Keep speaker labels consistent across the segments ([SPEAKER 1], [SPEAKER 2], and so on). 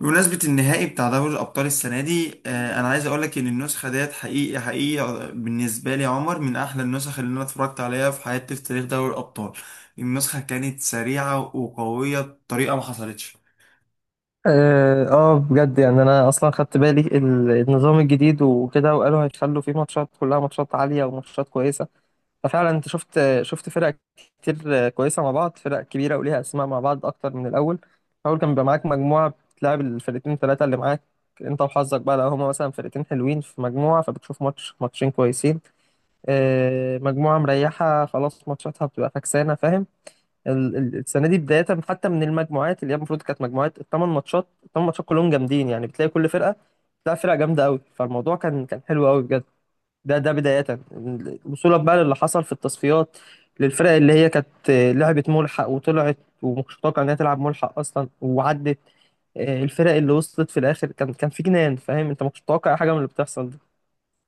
[SPEAKER 1] بمناسبة النهائي بتاع دوري الأبطال السنة دي، أنا عايز أقولك إن النسخة ديت حقيقي حقيقي بالنسبة لي يا عمر، من أحلى النسخ اللي أنا اتفرجت عليها في حياتي في تاريخ دوري الأبطال. النسخة كانت سريعة وقوية بطريقة ما حصلتش.
[SPEAKER 2] بجد يعني انا اصلا خدت بالي النظام الجديد وكده، وقالوا هيخلوا فيه ماتشات كلها ماتشات عاليه وماتشات كويسه. ففعلا انت شفت فرق كتير، كويسه مع بعض، فرق كبيره وليها اسماء مع بعض اكتر من الاول. الاول كان بيبقى معاك مجموعه بتلعب الفرقتين ثلاثه اللي معاك، انت وحظك بقى، لو هما مثلا فرقتين حلوين في مجموعه فبتشوف ماتش ماتشين كويسين. مجموعه مريحه خلاص ماتشاتها بتبقى فكسانه، فاهم. السنه دي بدايه حتى من المجموعات اللي هي المفروض كانت مجموعات الثمان ماتشات، الثمان ماتشات كلهم جامدين، يعني بتلاقي كل فرقه بتلاقي فرقه جامده قوي. فالموضوع كان حلو قوي بجد. ده بدايه، وصولا بقى للي حصل في التصفيات، للفرق اللي هي كانت، لعبت ملحق وطلعت ومشتاقه انها تلعب ملحق اصلا وعدت. الفرق اللي وصلت في الاخر كان في جنان، فاهم انت، ما كنتش متوقع أي حاجه من اللي بتحصل دي.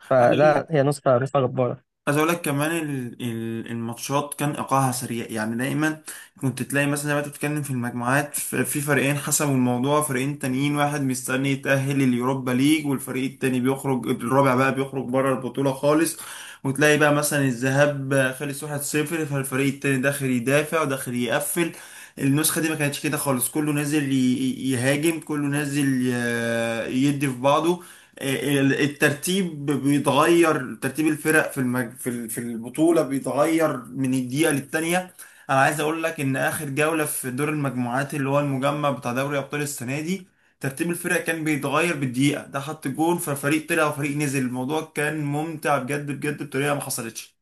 [SPEAKER 2] فده هي نسخه جباره.
[SPEAKER 1] عايز اقول لك كمان، الماتشات كان ايقاعها سريع يعني دايما، كنت تلاقي مثلا زي ما انت بتتكلم في المجموعات، في فريقين حسموا الموضوع، فريقين تانيين واحد مستني يتأهل اليوروبا ليج، والفريق التاني بيخرج الرابع بقى بيخرج بره البطولة خالص. وتلاقي بقى مثلا الذهاب خلص 1-0، فالفريق التاني داخل يدافع وداخل يقفل. النسخة دي ما كانتش كده خالص، كله نازل يهاجم، كله نازل يدي في بعضه. الترتيب بيتغير، ترتيب الفرق في المج... في ال- في البطولة بيتغير من الدقيقة للتانية. انا عايز اقول لك ان اخر جولة في دور المجموعات، اللي هو المجمع بتاع دوري ابطال السنة دي، ترتيب الفرق كان بيتغير بالدقيقة، ده حط جون ففريق طلع وفريق نزل. الموضوع كان ممتع بجد بجد بطريقة ما حصلتش.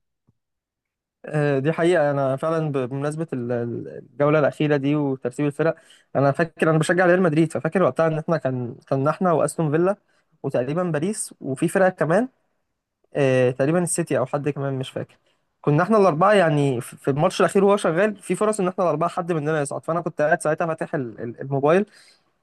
[SPEAKER 2] دي حقيقة. أنا فعلا بمناسبة الجولة الأخيرة دي وترتيب الفرق، أنا فاكر، أنا بشجع ريال مدريد، ففاكر وقتها إن إحنا كان إحنا وأستون فيلا وتقريبا باريس وفي فرقة كمان، تقريبا السيتي أو حد كمان مش فاكر. كنا إحنا الأربعة يعني في الماتش الأخير، وهو شغال في فرص إن إحنا الأربعة حد مننا يصعد. فأنا كنت قاعد ساعتها فاتح الموبايل،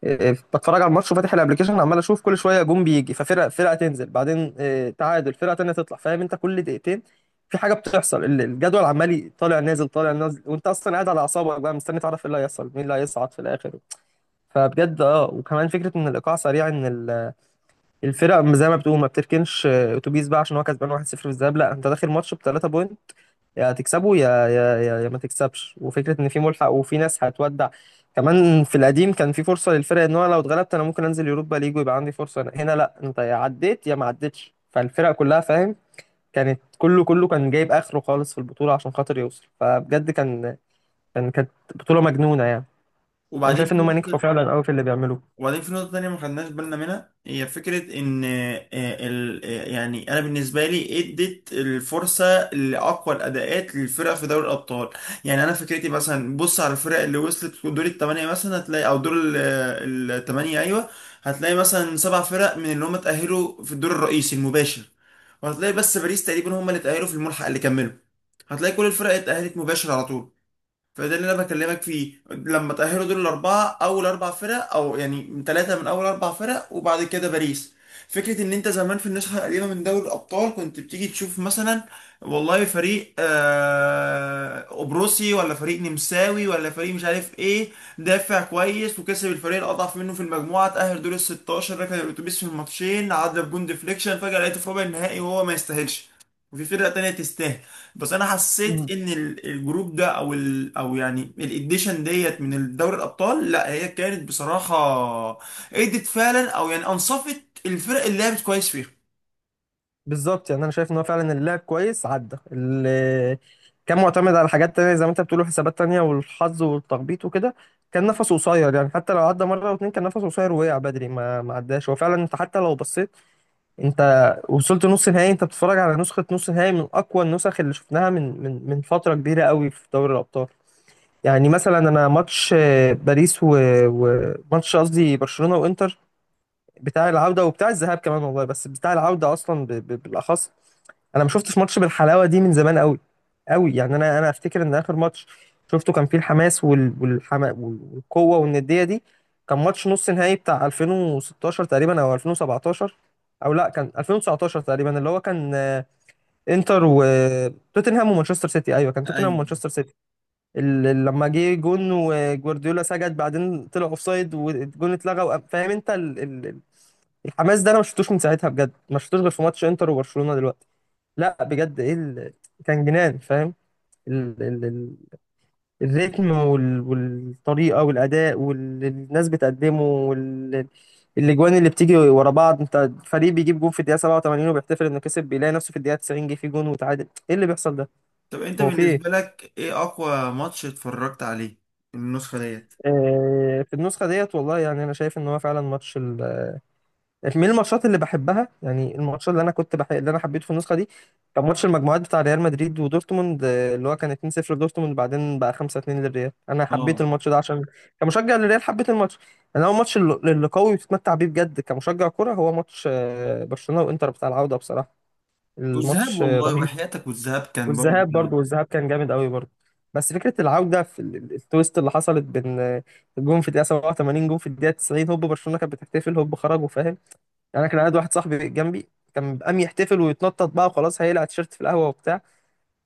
[SPEAKER 2] بتفرج على الماتش وفاتح الابلكيشن، عمال اشوف كل شويه جون بيجي ففرقه فرقه تنزل، بعدين تعادل، فرقه تانيه تطلع، فاهم انت، كل دقيقتين في حاجه بتحصل، الجدول عمال طالع نازل طالع نازل، وانت اصلا قاعد على اعصابك بقى، مستني تعرف ايه اللي هيحصل، مين اللي هيصعد في الاخر. فبجد اه، وكمان فكره ان الايقاع سريع، ان الفرق زي ما بتقول ما بتركنش، اتوبيس بقى عشان هو كسبان 1-0 في الذهاب، لا انت داخل ماتش بثلاثه بوينت، يا تكسبه يا يا يا يا ما تكسبش. وفكرة ان في ملحق وفي ناس هتودع، كمان في القديم كان في فرصة للفرق ان هو لو اتغلبت انا ممكن انزل يوروبا ليج ويبقى عندي فرصة هنا، لا انت يا عديت يا ما عدتش. فالفرق كلها، فاهم، كانت كله كان جايب اخره خالص في البطولة عشان خاطر يوصل. فبجد كانت بطولة مجنونة يعني، انا
[SPEAKER 1] وبعدين
[SPEAKER 2] شايف ان
[SPEAKER 1] في
[SPEAKER 2] هم نجحوا
[SPEAKER 1] نقطة
[SPEAKER 2] فعلا قوي في اللي بيعملوه.
[SPEAKER 1] وبعدين في نقطة تانية ما خدناش بالنا منها، هي فكرة إن، يعني أنا بالنسبة لي إدت الفرصة لأقوى الأداءات للفرق في دوري الأبطال. يعني أنا فكرتي مثلا، بص على الفرق اللي وصلت دور الثمانية مثلا هتلاقي، أو دور الثمانية أيوة، هتلاقي مثلا 7 فرق من اللي هم اتأهلوا في الدور الرئيسي المباشر، وهتلاقي بس باريس تقريبا هم اللي اتأهلوا في الملحق اللي كملوا. هتلاقي كل الفرق اتأهلت مباشر على طول. فده اللي انا بكلمك فيه، لما تأهلوا دول الاربعه اول اربع فرق، او يعني ثلاثه من اول اربع فرق وبعد كده باريس. فكره ان انت زمان في النسخه القديمه من دوري الابطال، كنت بتيجي تشوف مثلا، والله فريق قبرصي ولا فريق نمساوي ولا فريق مش عارف ايه، دافع كويس وكسب الفريق الاضعف منه في المجموعه، تأهل دور ال 16، ركن الاتوبيس في الماتشين، عدى بجون ديفليكشن، فجاه لقيته في ربع النهائي وهو ما يستاهلش، وفي فرقه تانيه تستاهل. بس انا حسيت ان الجروب ده، او ال او يعني الاديشن ديت من دوري الابطال، لا هي كانت بصراحه ادت فعلا، او يعني انصفت الفرق اللي لعبت كويس فيها.
[SPEAKER 2] بالظبط، يعني انا شايف ان هو فعلا اللاعب كويس عدى، اللي كان معتمد على حاجات تانية زي ما انت بتقول، حسابات تانية والحظ والتخبيط وكده، كان نفسه قصير. يعني حتى لو عدى مرة واتنين كان نفسه قصير ووقع بدري، ما عداش هو فعلا. انت حتى لو بصيت انت وصلت نص نهائي، انت بتتفرج على نسخة نص نهائي من اقوى النسخ اللي شفناها من من فترة كبيرة قوي في دوري الابطال. يعني مثلا انا ماتش باريس وماتش، قصدي برشلونة وانتر، بتاع العودة وبتاع الذهاب كمان والله، بس بتاع العودة أصلا بالأخص، أنا ما شفتش ماتش بالحلاوة دي من زمان قوي قوي. يعني أنا أفتكر إن آخر ماتش شفته كان فيه الحماس والقوة والندية دي كان ماتش نص نهائي بتاع 2016 تقريبا أو 2017، أو لا كان 2019 تقريبا، اللي هو كان، انتر وتوتنهام ومانشستر سيتي، أيوه كان توتنهام
[SPEAKER 1] ايوه.
[SPEAKER 2] ومانشستر سيتي. لما جه جون وجوارديولا سجد، بعدين طلع اوفسايد والجون اتلغى فاهم انت، الحماس ده انا ما شفتوش من ساعتها بجد، ما شفتوش غير في ماتش انتر وبرشلونة دلوقتي. لا بجد، ايه كان جنان، فاهم، ال... ال... ال... الريتم والطريقة والأداء والناس بتقدمه الاجوان اللي بتيجي ورا بعض، انت فريق بيجيب جون في الدقيقة 87 وبيحتفل انه كسب، بيلاقي نفسه في الدقيقة 90 جه فيه جون وتعادل، ايه اللي بيحصل ده؟
[SPEAKER 1] طب انت
[SPEAKER 2] هو في
[SPEAKER 1] بالنسبه
[SPEAKER 2] ايه؟
[SPEAKER 1] لك ايه اقوى ماتش اتفرجت عليه من النسخه ديت؟
[SPEAKER 2] في النسخة ديت والله، يعني انا شايف ان هو فعلا ماتش من الماتشات اللي بحبها، يعني الماتشات اللي انا اللي انا حبيته في النسخه دي كان ماتش المجموعات بتاع ريال مدريد ودورتموند، اللي هو كان 2-0 لدورتموند، بعدين بقى 5-2 للريال. انا حبيت
[SPEAKER 1] اه.
[SPEAKER 2] الماتش ده عشان كمشجع للريال حبيت الماتش. انا هو الماتش اللي قوي بتتمتع بيه بجد كمشجع كرة هو ماتش برشلونه وانتر بتاع العوده، بصراحه
[SPEAKER 1] والذهاب،
[SPEAKER 2] الماتش
[SPEAKER 1] والله
[SPEAKER 2] رهيب.
[SPEAKER 1] وحياتك، والذهاب كان برضه
[SPEAKER 2] والذهاب
[SPEAKER 1] جامد.
[SPEAKER 2] برضو، والذهاب كان جامد قوي برضو. بس فكره العوده في التويست اللي حصلت بين، الجون في الدقيقه 87 جون في الدقيقه 90، هوب برشلونه كانت بتحتفل، هوب خرجوا فاهم. يعني انا كان قاعد واحد صاحبي جنبي، كان قام يحتفل ويتنطط بقى وخلاص، هيقلع التيشيرت في القهوه وبتاع،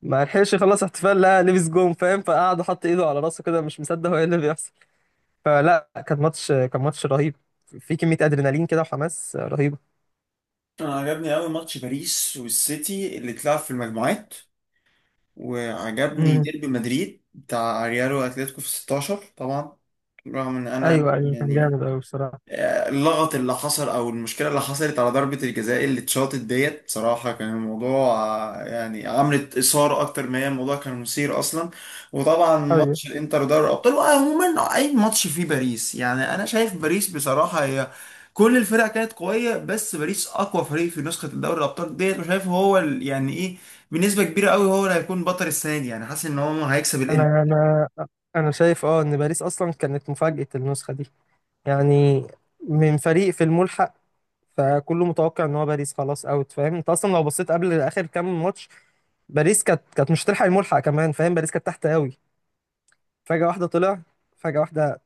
[SPEAKER 2] ما لحقش يخلص احتفال، لا لبس جون، فاهم، فقعد حط ايده على راسه كده مش مصدق هو ايه اللي بيحصل. فلا، كان ماتش رهيب، في كميه ادرينالين كده وحماس رهيبه.
[SPEAKER 1] انا عجبني قوي ماتش باريس والسيتي اللي اتلعب في المجموعات، وعجبني
[SPEAKER 2] امم
[SPEAKER 1] ديربي مدريد بتاع ريال واتلتيكو في 16 طبعا. رغم ان انا
[SPEAKER 2] ايوه ايوه، كان
[SPEAKER 1] يعني،
[SPEAKER 2] جامد قوي بصراحه.
[SPEAKER 1] اللغط اللي حصل او المشكله اللي حصلت على ضربه الجزاء اللي اتشاطت ديت بصراحه، كان الموضوع، يعني عملت اثاره اكتر ما هي، الموضوع كان مثير اصلا. وطبعا
[SPEAKER 2] ايوه،
[SPEAKER 1] ماتش الانتر دوري الابطال، وعموما اي ماتش فيه باريس، يعني انا شايف باريس بصراحه هي، كل الفرق كانت قويه، بس باريس اقوى فريق في نسخه الدوري الابطال ديت، وشايف هو يعني ايه، بنسبه كبيره قوي هو اللي هيكون بطل السنه دي، يعني حاسس ان هو هيكسب.
[SPEAKER 2] انا انا انا شايف اه ان باريس اصلا كانت مفاجاه النسخه دي، يعني من فريق في الملحق، فكله متوقع ان هو باريس خلاص اوت، فاهم انت، اصلا لو بصيت قبل اخر كام ماتش باريس كانت مش هتلحق الملحق كمان، فاهم، باريس كانت تحت قوي. فجأة واحدة طلع، فجأة واحدة،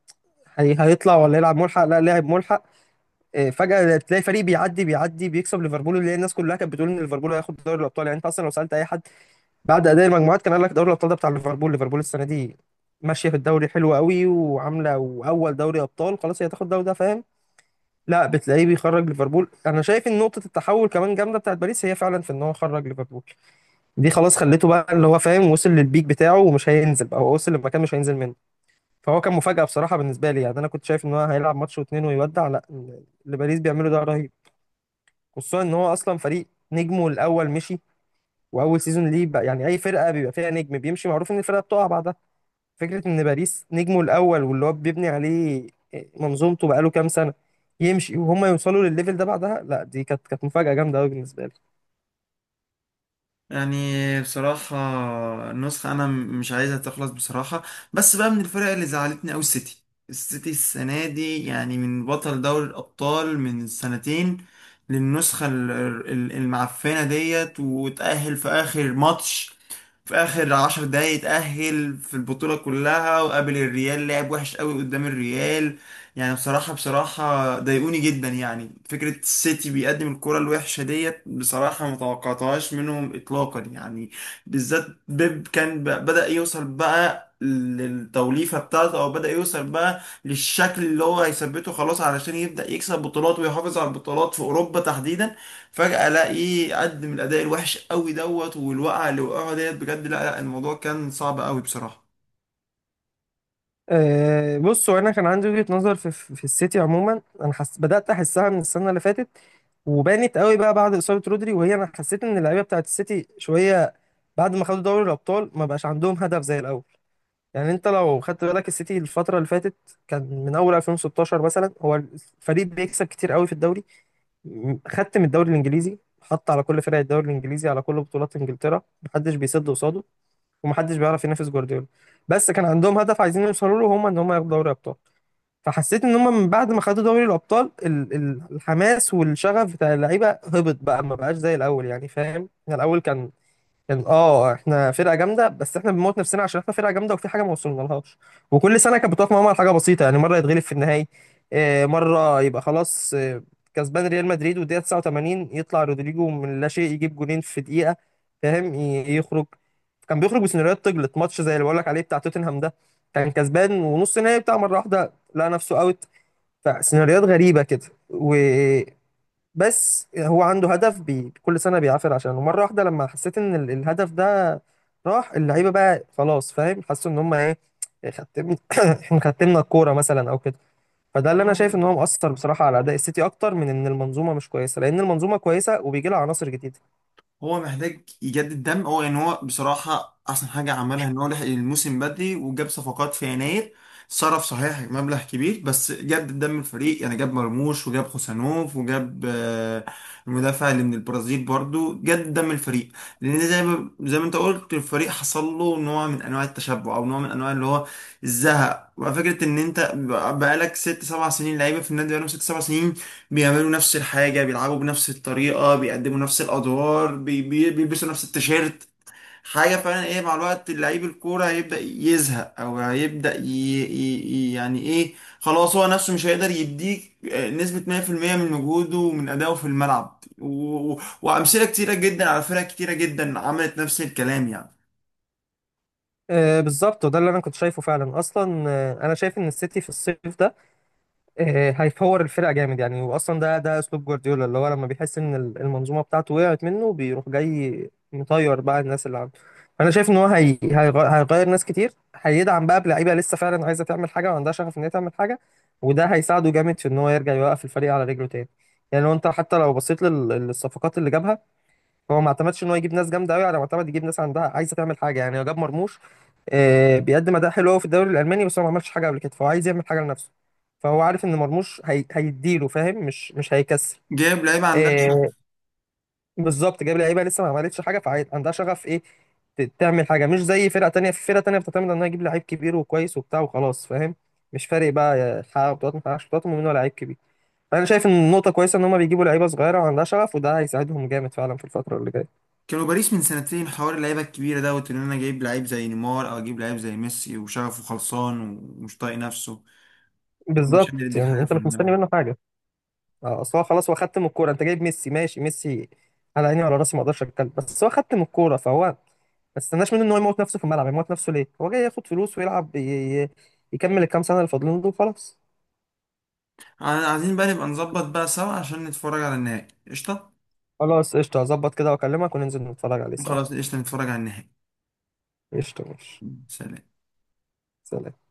[SPEAKER 2] هي هيطلع ولا يلعب ملحق، لا لاعب ملحق. فجأة تلاقي فريق بيعدي بيكسب ليفربول، اللي هي الناس كلها كانت بتقول ان ليفربول هياخد دوري الابطال. يعني انت اصلا لو سألت اي حد بعد اداء المجموعات كان قال لك دوري الابطال ده بتاع ليفربول، ليفربول السنة دي ماشية في الدوري حلوة قوي وعاملة واول دوري ابطال، خلاص هي هتاخد الدوري ده، فاهم. لا بتلاقيه بيخرج ليفربول. انا شايف ان نقطة التحول كمان جامدة بتاعت باريس هي فعلا في ان هو خرج ليفربول، دي خلاص خليته بقى اللي هو، فاهم، وصل للبيك بتاعه ومش هينزل بقى، هو وصل لمكان مش هينزل منه. فهو كان مفاجأة بصراحة بالنسبة لي، يعني انا كنت شايف ان هو هيلعب ماتش واتنين ويودع، لا اللي باريس بيعمله ده رهيب. خصوصا ان هو اصلا فريق نجمه الاول مشي واول سيزون ليه بقى، يعني اي فرقة بيبقى فيها نجم بيمشي معروف ان الفرقة بتقع بعدها. فكرة ان باريس نجمه الاول واللي هو بيبني عليه منظومته بقاله كام سنة يمشي، وهم يوصلوا للليفل ده بعدها، لا دي كانت مفاجأة جامدة قوي بالنسبة لي.
[SPEAKER 1] يعني بصراحة، النسخة أنا مش عايزها تخلص بصراحة. بس بقى من الفرق اللي زعلتني أوي السيتي. السيتي السنة دي يعني، من بطل دوري الأبطال من سنتين، للنسخة المعفنة ديت، وتأهل في آخر ماتش، في اخر 10 دقايق اتأهل في البطولة كلها، وقابل الريال، لعب وحش قوي قدام الريال. يعني بصراحة بصراحة ضايقوني جدا، يعني فكرة السيتي بيقدم الكرة الوحشة ديت، بصراحة ما توقعتهاش منهم اطلاقا يعني. بالذات بيب كان بدأ يوصل بقى للتوليفة بتاعته، او بدأ يوصل بقى للشكل اللي هو هيثبته خلاص، علشان يبدأ يكسب بطولات ويحافظ على البطولات في اوروبا تحديدا. فجأة الاقيه قدم الاداء الوحش قوي دوت، والوقعة اللي وقعها ديت بجد، لا لا، الموضوع كان صعب قوي بصراحة.
[SPEAKER 2] أه بص، هو انا كان عندي وجهة نظر في السيتي عموما، انا حس بدأت احسها من السنة اللي فاتت، وبانت قوي بقى بعد إصابة رودري، وهي انا حسيت ان اللعيبة بتاعت السيتي شوية بعد ما خدوا دوري الابطال ما بقاش عندهم هدف زي الاول. يعني انت لو خدت بالك السيتي الفترة اللي فاتت، كان من اول 2016 مثلا هو الفريق بيكسب كتير قوي في الدوري، خدت من الدوري الانجليزي، حط على كل فرق الدوري الانجليزي، على كل بطولات انجلترا محدش بيسد قصاده، ومحدش بيعرف ينافس جوارديولا. بس كان عندهم هدف عايزين يوصلوا له، هم ان هم ياخدوا دوري ابطال. فحسيت ان هم من بعد ما خدوا دوري الابطال الحماس والشغف بتاع اللعيبه هبط بقى، ما بقاش زي الاول، يعني فاهم. يعني الاول كان، كان اه احنا فرقه جامده، بس احنا بنموت نفسنا عشان احنا فرقه جامده وفي حاجه ما وصلنا لهاش، وكل سنه كانت بتقف معاهم على حاجه بسيطه. يعني مره يتغلب في النهائي، مره يبقى خلاص، كسبان ريال مدريد والدقيقه 89 يطلع رودريجو من لا شيء يجيب جولين في دقيقه، فاهم، يخرج. كان بيخرج بسيناريوهات تجلط، ماتش زي اللي بقول لك عليه بتاع توتنهام ده كان كسبان ونص نهائي بتاع، مره واحده لقى نفسه اوت، فسيناريوهات غريبه كده. بس هو عنده هدف بي كل سنة بيعافر عشانه مرة واحدة، لما حسيت ان الهدف ده راح اللعيبة بقى خلاص، فاهم، حسوا ان هم ايه، ختم. احنا ختمنا الكورة مثلا او كده. فده اللي انا شايف ان هو مؤثر بصراحة على اداء السيتي، اكتر من ان المنظومة مش كويسة، لان المنظومة كويسة وبيجي لها عناصر جديدة.
[SPEAKER 1] هو محتاج يجدد دم، هو يعني هو بصراحة أحسن حاجة عملها إن هو لحق الموسم بدري وجاب صفقات في يناير. صرف صحيح مبلغ كبير، بس جدد دم الفريق، يعني جاب مرموش وجاب خوسانوف وجاب، المدافع اللي من البرازيل، برضو جدد دم الفريق. لأن زي ما أنت قلت، الفريق حصل له نوع من أنواع التشبع أو نوع من أنواع اللي هو الزهق، وفكرة إن أنت بقالك ست سبع سنين لعيبة في النادي، بقالهم ست سبع سنين بيعملوا نفس الحاجة، بيلعبوا بنفس الطريقة، بيقدموا نفس الأدوار، بيلبسوا نفس التيشيرت. حاجة فعلا إيه، مع الوقت لعيب الكورة هيبدأ يزهق أو هيبدأ يعني إيه، خلاص هو نفسه مش هيقدر يديك نسبة 100% من مجهوده ومن أدائه في الملعب، وأمثلة كتيرة جدا على فرق كتيرة جدا عملت نفس الكلام يعني.
[SPEAKER 2] آه بالظبط، وده اللي انا كنت شايفه فعلا اصلا. آه انا شايف ان السيتي في الصيف ده، هيفور الفرقه جامد، يعني واصلا ده اسلوب جوارديولا، اللي هو لما بيحس ان المنظومه بتاعته وقعت منه بيروح جاي مطير بقى الناس اللي عنده. فانا شايف ان هو هيغير ناس كتير، هيدعم بقى بلعيبه لسه فعلا عايزه تعمل حاجه وعندها شغف ان هي تعمل حاجه. وده هيساعده جامد في ان هو يرجع يوقف الفريق على رجله تاني. يعني لو انت حتى لو بصيت للصفقات اللي جابها، هو ما اعتمدش ان هو يجيب ناس جامده قوي على ما اعتمد يجيب ناس عندها عايزه تعمل حاجه. يعني هو جاب مرموش، بيقدم اداء حلو قوي في الدوري الالماني بس هو ما عملش حاجه قبل كده، فهو عايز يعمل حاجه لنفسه. فهو عارف ان مرموش هيديله، فاهم، مش هيكسر.
[SPEAKER 1] جايب لعيبة عندها
[SPEAKER 2] آه،
[SPEAKER 1] شغف.
[SPEAKER 2] بالظبط، جاب لعيبه لسه ما عملتش حاجه فعندها شغف ايه، تعمل حاجه، مش زي فرقه تانية. في فرقه تانية بتعتمد انها تجيب لعيب كبير وكويس وبتاع وخلاص، فاهم، مش فارق بقى حقق بطولات ما حققش بطولات، المهم ان هو لعيب كبير. فانا شايف ان النقطه كويسه ان هم بيجيبوا لعيبه صغيره وعندها شغف، وده هيساعدهم جامد فعلا في الفتره اللي جايه.
[SPEAKER 1] كانوا باريس من سنتين حوار اللعيبة الكبيرة دوت، إن أنا جايب لعيب زي نيمار أو أجيب لعيب زي ميسي وشغفه خلصان ومش طايق نفسه، مش
[SPEAKER 2] بالظبط،
[SPEAKER 1] قادر يديك
[SPEAKER 2] يعني
[SPEAKER 1] حاجة
[SPEAKER 2] انت
[SPEAKER 1] في
[SPEAKER 2] مش مستني
[SPEAKER 1] الملعب.
[SPEAKER 2] منه حاجه. اصل هو خلاص هو خدت من الكوره. انت جايب ميسي، ماشي ميسي، على عيني وعلى راسي، ما اقدرش اتكلم، بس هو خدت من الكوره، فهو ما تستناش منه ان هو يموت نفسه في الملعب. يموت نفسه ليه؟ هو جاي ياخد فلوس ويلعب، يكمل الكام سنه اللي فاضلين دول وخلاص.
[SPEAKER 1] عايزين بقى نبقى نظبط بقى سوا عشان نتفرج على النهائي قشطة.
[SPEAKER 2] خلاص قشطه، هظبط كده واكلمك وننزل نتفرج عليه سوا.
[SPEAKER 1] خلاص قشطة، نتفرج على النهائي.
[SPEAKER 2] قشطه ماشي.
[SPEAKER 1] سلام.
[SPEAKER 2] سلام.